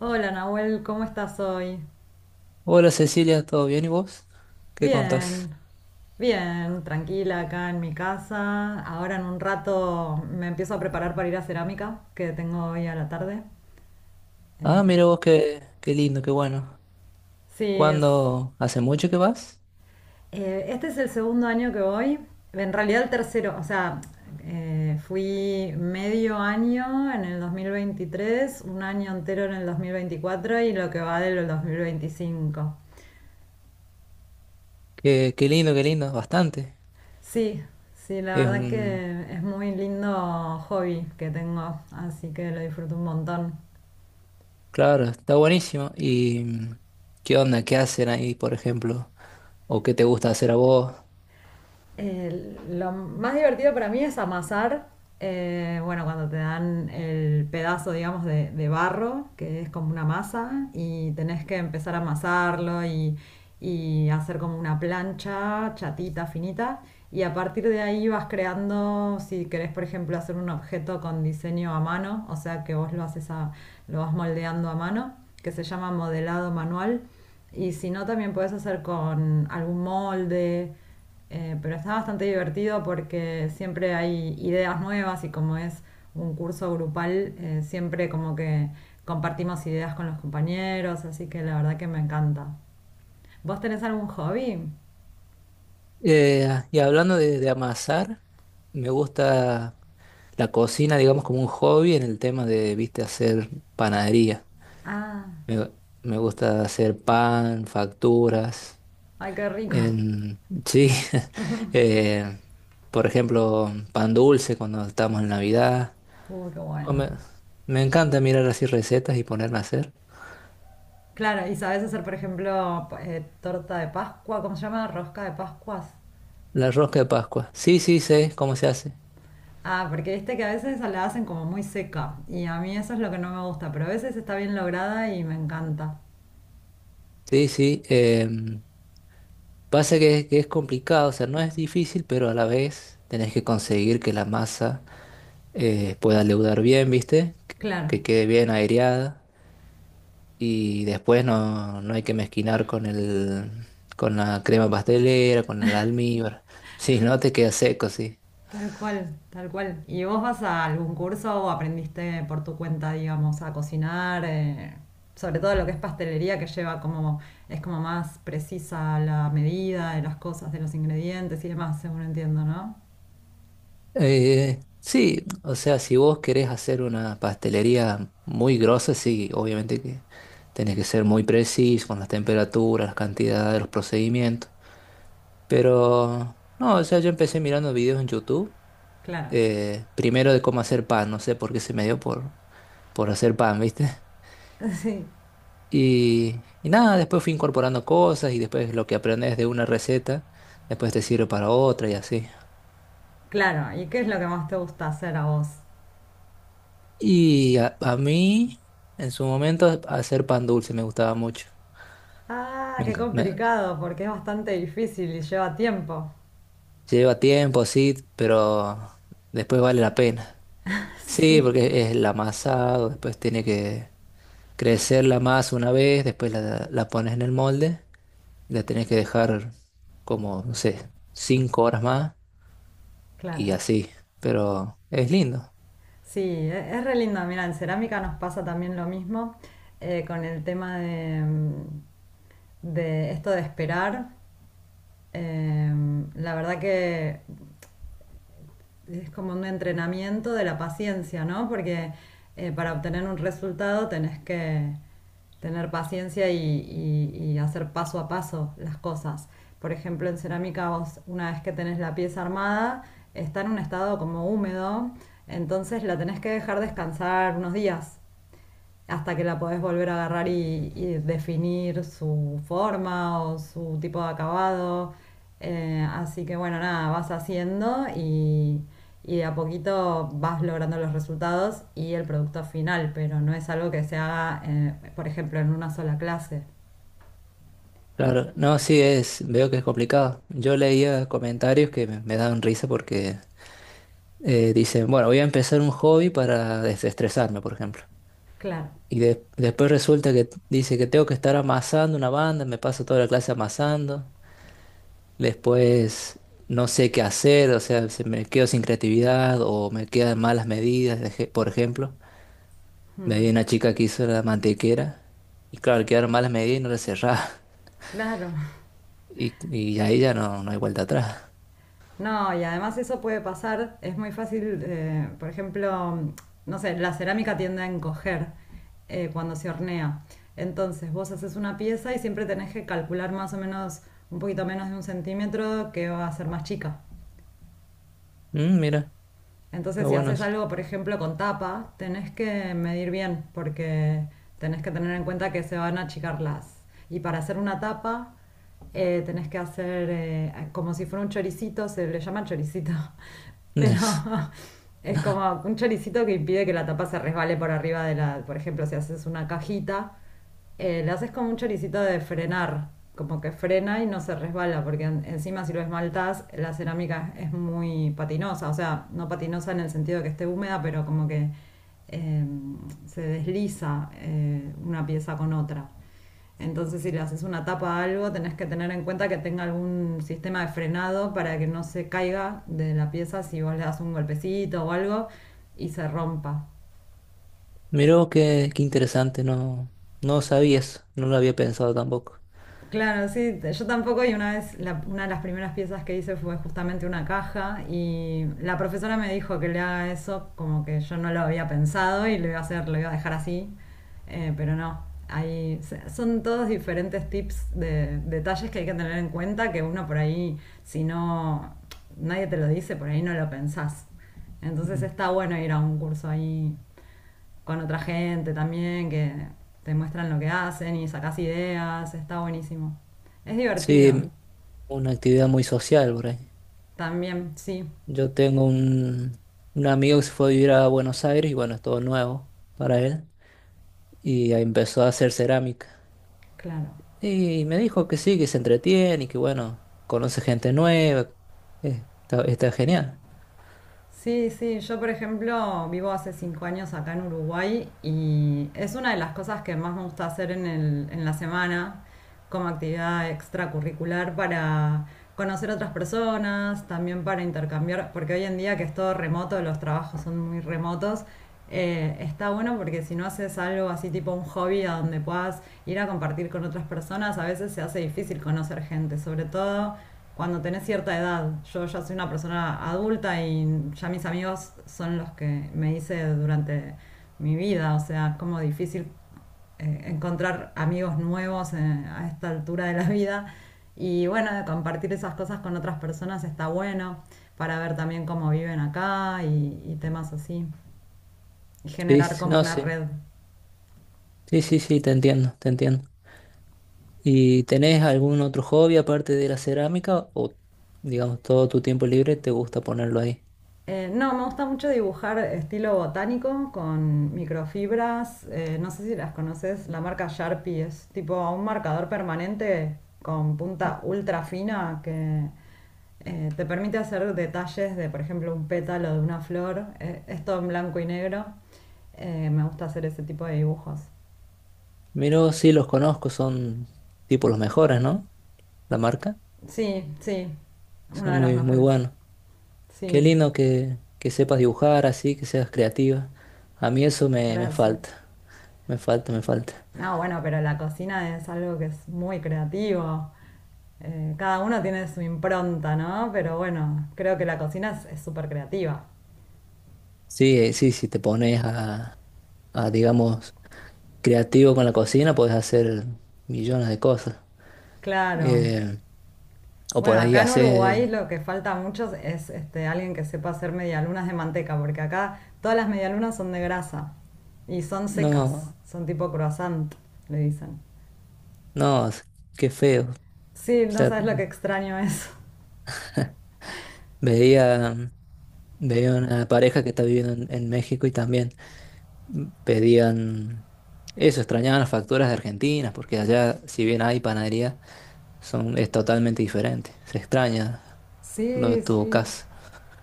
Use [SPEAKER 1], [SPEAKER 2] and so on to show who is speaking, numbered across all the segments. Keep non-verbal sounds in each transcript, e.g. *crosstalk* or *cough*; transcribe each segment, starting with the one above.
[SPEAKER 1] Hola Nahuel, ¿cómo estás hoy?
[SPEAKER 2] Hola Cecilia, ¿todo bien y vos? ¿Qué contás?
[SPEAKER 1] Bien, bien, tranquila acá en mi casa. Ahora en un rato me empiezo a preparar para ir a cerámica, que tengo hoy a la tarde.
[SPEAKER 2] Ah,
[SPEAKER 1] Eh,
[SPEAKER 2] mira vos, qué lindo, qué bueno.
[SPEAKER 1] sí,
[SPEAKER 2] ¿Cuándo? ¿Hace mucho que vas?
[SPEAKER 1] este es el segundo año que voy, en realidad el tercero, o sea, fui medio año en el 2023, un año entero en el 2024 y lo que va del 2025.
[SPEAKER 2] Qué lindo, qué lindo, bastante.
[SPEAKER 1] Sí, sí, la
[SPEAKER 2] Es
[SPEAKER 1] verdad
[SPEAKER 2] un...
[SPEAKER 1] que es muy lindo hobby que tengo, así que lo disfruto un montón.
[SPEAKER 2] Claro, está buenísimo. ¿Y qué onda? ¿Qué hacen ahí, por ejemplo? ¿O qué te gusta hacer a vos?
[SPEAKER 1] Lo más divertido para mí es amasar. Bueno cuando te dan el pedazo, digamos, de barro, que es como una masa, y tenés que empezar a amasarlo y hacer como una plancha chatita, finita, y a partir de ahí vas creando, si querés, por ejemplo, hacer un objeto con diseño a mano, o sea que vos lo haces lo vas moldeando a mano, que se llama modelado manual, y si no, también puedes hacer con algún molde, pero está bastante divertido porque siempre hay ideas nuevas y como es un curso grupal, siempre como que compartimos ideas con los compañeros, así que la verdad que me encanta. ¿Vos tenés algún hobby?
[SPEAKER 2] Ah, y hablando de amasar, me gusta la cocina, digamos, como un hobby en el tema de, viste, hacer panadería.
[SPEAKER 1] Ah,
[SPEAKER 2] Me, me gusta hacer pan, facturas.
[SPEAKER 1] ay, qué rico.
[SPEAKER 2] Sí, *laughs* eh, por ejemplo, pan dulce cuando estamos en Navidad.
[SPEAKER 1] Qué
[SPEAKER 2] O
[SPEAKER 1] bueno.
[SPEAKER 2] Me, me encanta mirar así recetas y ponerme a hacer.
[SPEAKER 1] Claro, y sabés hacer, por ejemplo, torta de Pascua, ¿cómo se llama? Rosca de Pascuas.
[SPEAKER 2] La rosca de Pascua. Sí, sí, sé cómo se hace.
[SPEAKER 1] Ah, porque viste que a veces la hacen como muy seca y a mí eso es lo que no me gusta, pero a veces está bien lograda y me encanta.
[SPEAKER 2] Sí, sí. Pasa que es complicado, o sea, no es difícil, pero a la vez tenés que conseguir que la masa pueda leudar bien, ¿viste? Que
[SPEAKER 1] Claro.
[SPEAKER 2] que quede bien aireada. Y después no hay que mezquinar con con la crema pastelera, con el almíbar. *laughs* Si no te queda seco, sí.
[SPEAKER 1] Tal cual, tal cual. ¿Y vos vas a algún curso o aprendiste por tu cuenta, digamos, a cocinar? Sobre todo lo que es pastelería, que lleva como, es como más precisa la medida de las cosas, de los ingredientes y demás, según entiendo, ¿no?
[SPEAKER 2] Sí, o sea, si vos querés hacer una pastelería muy grosa, sí, obviamente que tenés que ser muy preciso con las temperaturas, las cantidades, los procedimientos. Pero no, o sea, yo empecé mirando videos en YouTube,
[SPEAKER 1] Claro.
[SPEAKER 2] primero de cómo hacer pan, no sé por qué se me dio por hacer pan, ¿viste?
[SPEAKER 1] *laughs* Sí,
[SPEAKER 2] Y nada, después fui incorporando cosas y después lo que aprendes de una receta, después te sirve para otra y así.
[SPEAKER 1] claro. ¿Y qué es lo que más te gusta hacer a vos?
[SPEAKER 2] Y a mí, en su momento, hacer pan dulce me gustaba mucho.
[SPEAKER 1] Ah,
[SPEAKER 2] Me
[SPEAKER 1] qué
[SPEAKER 2] enca- me-
[SPEAKER 1] complicado, porque es bastante difícil y lleva tiempo.
[SPEAKER 2] Lleva tiempo, sí, pero después vale la pena.
[SPEAKER 1] *laughs*
[SPEAKER 2] Sí,
[SPEAKER 1] Sí,
[SPEAKER 2] porque es el amasado, después tiene que crecer la masa una vez, después la pones en el molde, y la tenés que dejar como, no sé, 5 horas más y
[SPEAKER 1] claro.
[SPEAKER 2] así. Pero es lindo.
[SPEAKER 1] Sí, es re lindo. Mira, en cerámica nos pasa también lo mismo, con el tema de esto de esperar. Eh, la verdad que es como un entrenamiento de la paciencia, ¿no? Porque para obtener un resultado tenés que tener paciencia y hacer paso a paso las cosas. Por ejemplo, en cerámica vos una vez que tenés la pieza armada, está en un estado como húmedo, entonces la tenés que dejar descansar unos días hasta que la podés volver a agarrar y definir su forma o su tipo de acabado. Así que bueno, nada, vas haciendo y de a poquito vas logrando los resultados y el producto final, pero no es algo que se haga, por ejemplo, en una sola clase.
[SPEAKER 2] Claro, no, sí es, veo que es complicado. Yo leía comentarios que me daban risa porque dicen, bueno, voy a empezar un hobby para desestresarme, por ejemplo.
[SPEAKER 1] Claro,
[SPEAKER 2] Y después resulta que dice que tengo que estar amasando una banda, me paso toda la clase amasando. Después no sé qué hacer, o sea, se me quedo sin creatividad o me quedan malas medidas, por ejemplo. Me vi una chica que hizo la mantequera y claro, quedaron malas medidas y no la cerraba. *laughs*
[SPEAKER 1] claro.
[SPEAKER 2] Y, y ahí ya no hay vuelta atrás.
[SPEAKER 1] No, y además eso puede pasar, es muy fácil, por ejemplo, no sé, la cerámica tiende a encoger cuando se hornea. Entonces vos haces una pieza y siempre tenés que calcular más o menos un poquito menos de un centímetro que va a ser más chica.
[SPEAKER 2] Mm, mira. Está
[SPEAKER 1] Entonces, si
[SPEAKER 2] bueno
[SPEAKER 1] haces
[SPEAKER 2] eso.
[SPEAKER 1] algo, por ejemplo, con tapa, tenés que medir bien, porque tenés que tener en cuenta que se van a achicar las. Y para hacer una tapa, tenés que hacer como si fuera un choricito, se le llama choricito, *laughs* pero
[SPEAKER 2] *laughs*
[SPEAKER 1] *laughs* es como un choricito que impide que la tapa se resbale por arriba de la. Por ejemplo, si haces una cajita, le haces como un choricito de frenar, como que frena y no se resbala, porque encima si lo esmaltás, la cerámica es muy patinosa, o sea, no patinosa en el sentido de que esté húmeda, pero como que eh, se desliza, una pieza con otra. Entonces, si le haces una tapa a algo, tenés que tener en cuenta que tenga algún sistema de frenado para que no se caiga de la pieza si vos le das un golpecito o algo y se rompa.
[SPEAKER 2] Miró qué interesante, no, no sabías, no lo había pensado tampoco.
[SPEAKER 1] Claro, sí, yo tampoco. Y una vez, una de las primeras piezas que hice fue justamente una caja y la profesora me dijo que le haga eso como que yo no lo había pensado y lo iba a hacer, lo iba a dejar así, pero no, ahí son todos diferentes tips de detalles que hay que tener en cuenta que uno por ahí, si no, nadie te lo dice, por ahí no lo pensás. Entonces
[SPEAKER 2] Mm.
[SPEAKER 1] está bueno ir a un curso ahí con otra gente también que te muestran lo que hacen y sacas ideas, está buenísimo. Es divertido,
[SPEAKER 2] Sí, una actividad muy social por ahí.
[SPEAKER 1] también, sí,
[SPEAKER 2] Yo tengo un amigo que se fue a vivir a Buenos Aires y bueno, es todo nuevo para él. Y ahí empezó a hacer cerámica.
[SPEAKER 1] claro.
[SPEAKER 2] Y me dijo que sí, que se entretiene y que bueno, conoce gente nueva. Está genial.
[SPEAKER 1] Sí, sí, yo por ejemplo vivo hace 5 años acá en Uruguay y es una de las cosas que más me gusta hacer en el, en la semana como actividad extracurricular para conocer otras personas, también para intercambiar, porque hoy en día que es todo remoto, los trabajos son muy remotos, está bueno porque si no haces algo así tipo un hobby a donde puedas ir a compartir con otras personas, a veces se hace difícil conocer gente, sobre todo cuando tenés cierta edad. Yo ya soy una persona adulta y ya mis amigos son los que me hice durante mi vida. O sea, es como difícil encontrar amigos nuevos, a esta altura de la vida. Y bueno, de compartir esas cosas con otras personas está bueno para ver también cómo viven acá y temas así. Y
[SPEAKER 2] Sí,
[SPEAKER 1] generar
[SPEAKER 2] sí,
[SPEAKER 1] como
[SPEAKER 2] no,
[SPEAKER 1] una
[SPEAKER 2] sí.
[SPEAKER 1] red.
[SPEAKER 2] Sí, sí, sí, te entiendo, te entiendo. ¿Y tenés algún otro hobby aparte de la cerámica o, digamos, todo tu tiempo libre te gusta ponerlo ahí?
[SPEAKER 1] No, me gusta mucho dibujar estilo botánico con microfibras. No sé si las conoces, la marca Sharpie es tipo un marcador permanente con
[SPEAKER 2] Ah,
[SPEAKER 1] punta ultra fina que te permite hacer detalles de, por ejemplo, un pétalo de una flor. Es todo en blanco y negro. Me gusta hacer ese tipo de dibujos.
[SPEAKER 2] Miro, sí, los conozco, son tipo los mejores, ¿no? La marca.
[SPEAKER 1] Sí, sí, una
[SPEAKER 2] Son
[SPEAKER 1] de las
[SPEAKER 2] muy, muy
[SPEAKER 1] mejores.
[SPEAKER 2] buenos. Qué
[SPEAKER 1] Sí,
[SPEAKER 2] lindo que sepas dibujar así, que seas creativa. A mí eso me
[SPEAKER 1] gracias.
[SPEAKER 2] falta, me falta, me falta.
[SPEAKER 1] No, bueno, pero la cocina es algo que es muy creativo. Cada uno tiene su impronta, ¿no? Pero bueno, creo que la cocina es súper creativa.
[SPEAKER 2] Sí, sí, si te pones digamos, creativo con la cocina, puedes hacer millones de cosas.
[SPEAKER 1] Claro.
[SPEAKER 2] Eh, o por
[SPEAKER 1] Bueno,
[SPEAKER 2] ahí
[SPEAKER 1] acá en Uruguay
[SPEAKER 2] hacer.
[SPEAKER 1] lo que falta mucho es este, alguien que sepa hacer medialunas de manteca, porque acá todas las medialunas son de grasa y son secas,
[SPEAKER 2] No,
[SPEAKER 1] son tipo croissant, le dicen.
[SPEAKER 2] no, qué feo.
[SPEAKER 1] Sí,
[SPEAKER 2] O
[SPEAKER 1] no
[SPEAKER 2] sea,
[SPEAKER 1] sabes lo que extraño eso.
[SPEAKER 2] veía, veía una pareja que está viviendo en México y también pedían eso, extrañaban las facturas de Argentina, porque allá, si bien hay panadería, es totalmente diferente. Se extraña lo de
[SPEAKER 1] Sí,
[SPEAKER 2] tu
[SPEAKER 1] sí,
[SPEAKER 2] casa.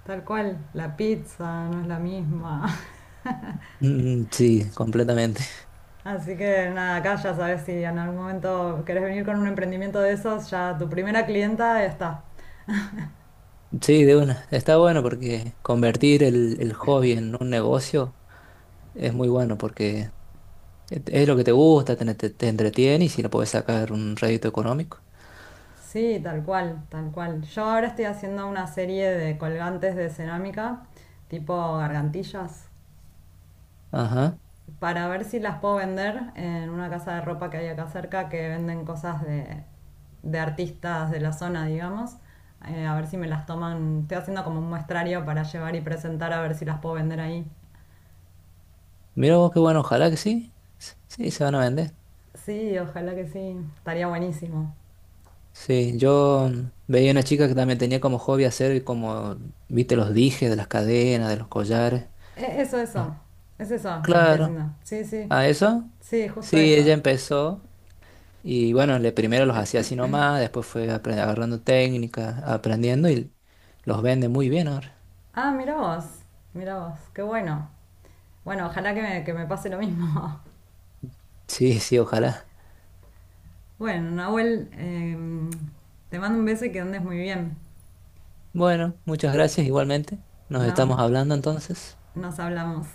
[SPEAKER 1] tal cual. La pizza no es la misma. *laughs*
[SPEAKER 2] Mm, sí, completamente.
[SPEAKER 1] Así que nada, acá ya sabes si en algún momento querés venir con un emprendimiento de esos, ya tu primera clienta está.
[SPEAKER 2] Sí, de una. Está bueno porque convertir el hobby en un negocio es muy bueno porque es lo que te gusta, te entretiene y si lo puedes sacar un rédito económico.
[SPEAKER 1] Sí, tal cual, tal cual. Yo ahora estoy haciendo una serie de colgantes de cerámica, tipo gargantillas,
[SPEAKER 2] Ajá.
[SPEAKER 1] para ver si las puedo vender en una casa de ropa que hay acá cerca que venden cosas de artistas de la zona, digamos. A ver si me las toman. Estoy haciendo como un muestrario para llevar y presentar a ver si las puedo vender ahí.
[SPEAKER 2] Mira vos, qué bueno, ojalá que sí. Sí, se van a vender.
[SPEAKER 1] Sí, ojalá que sí. Estaría buenísimo.
[SPEAKER 2] Sí, yo veía una chica que también tenía como hobby hacer como, viste, los dijes de las cadenas, de los collares.
[SPEAKER 1] Eso,
[SPEAKER 2] Los-
[SPEAKER 1] eso. Es eso lo que estoy
[SPEAKER 2] Claro,
[SPEAKER 1] haciendo. Sí, sí.
[SPEAKER 2] ¿a eso?
[SPEAKER 1] Sí, justo
[SPEAKER 2] Sí, ella
[SPEAKER 1] eso.
[SPEAKER 2] empezó y bueno, le primero los hacía así nomás, después fue agarrando técnicas, aprendiendo y los vende muy bien ahora.
[SPEAKER 1] Ah, mira vos. Mira vos. Qué bueno. Bueno, ojalá que me pase lo mismo. *laughs*
[SPEAKER 2] Sí, sí, ojalá.
[SPEAKER 1] Bueno, Nahuel, te mando un beso y que andes muy bien.
[SPEAKER 2] Bueno, muchas gracias igualmente. Nos
[SPEAKER 1] Nos,
[SPEAKER 2] estamos hablando entonces.
[SPEAKER 1] nos hablamos.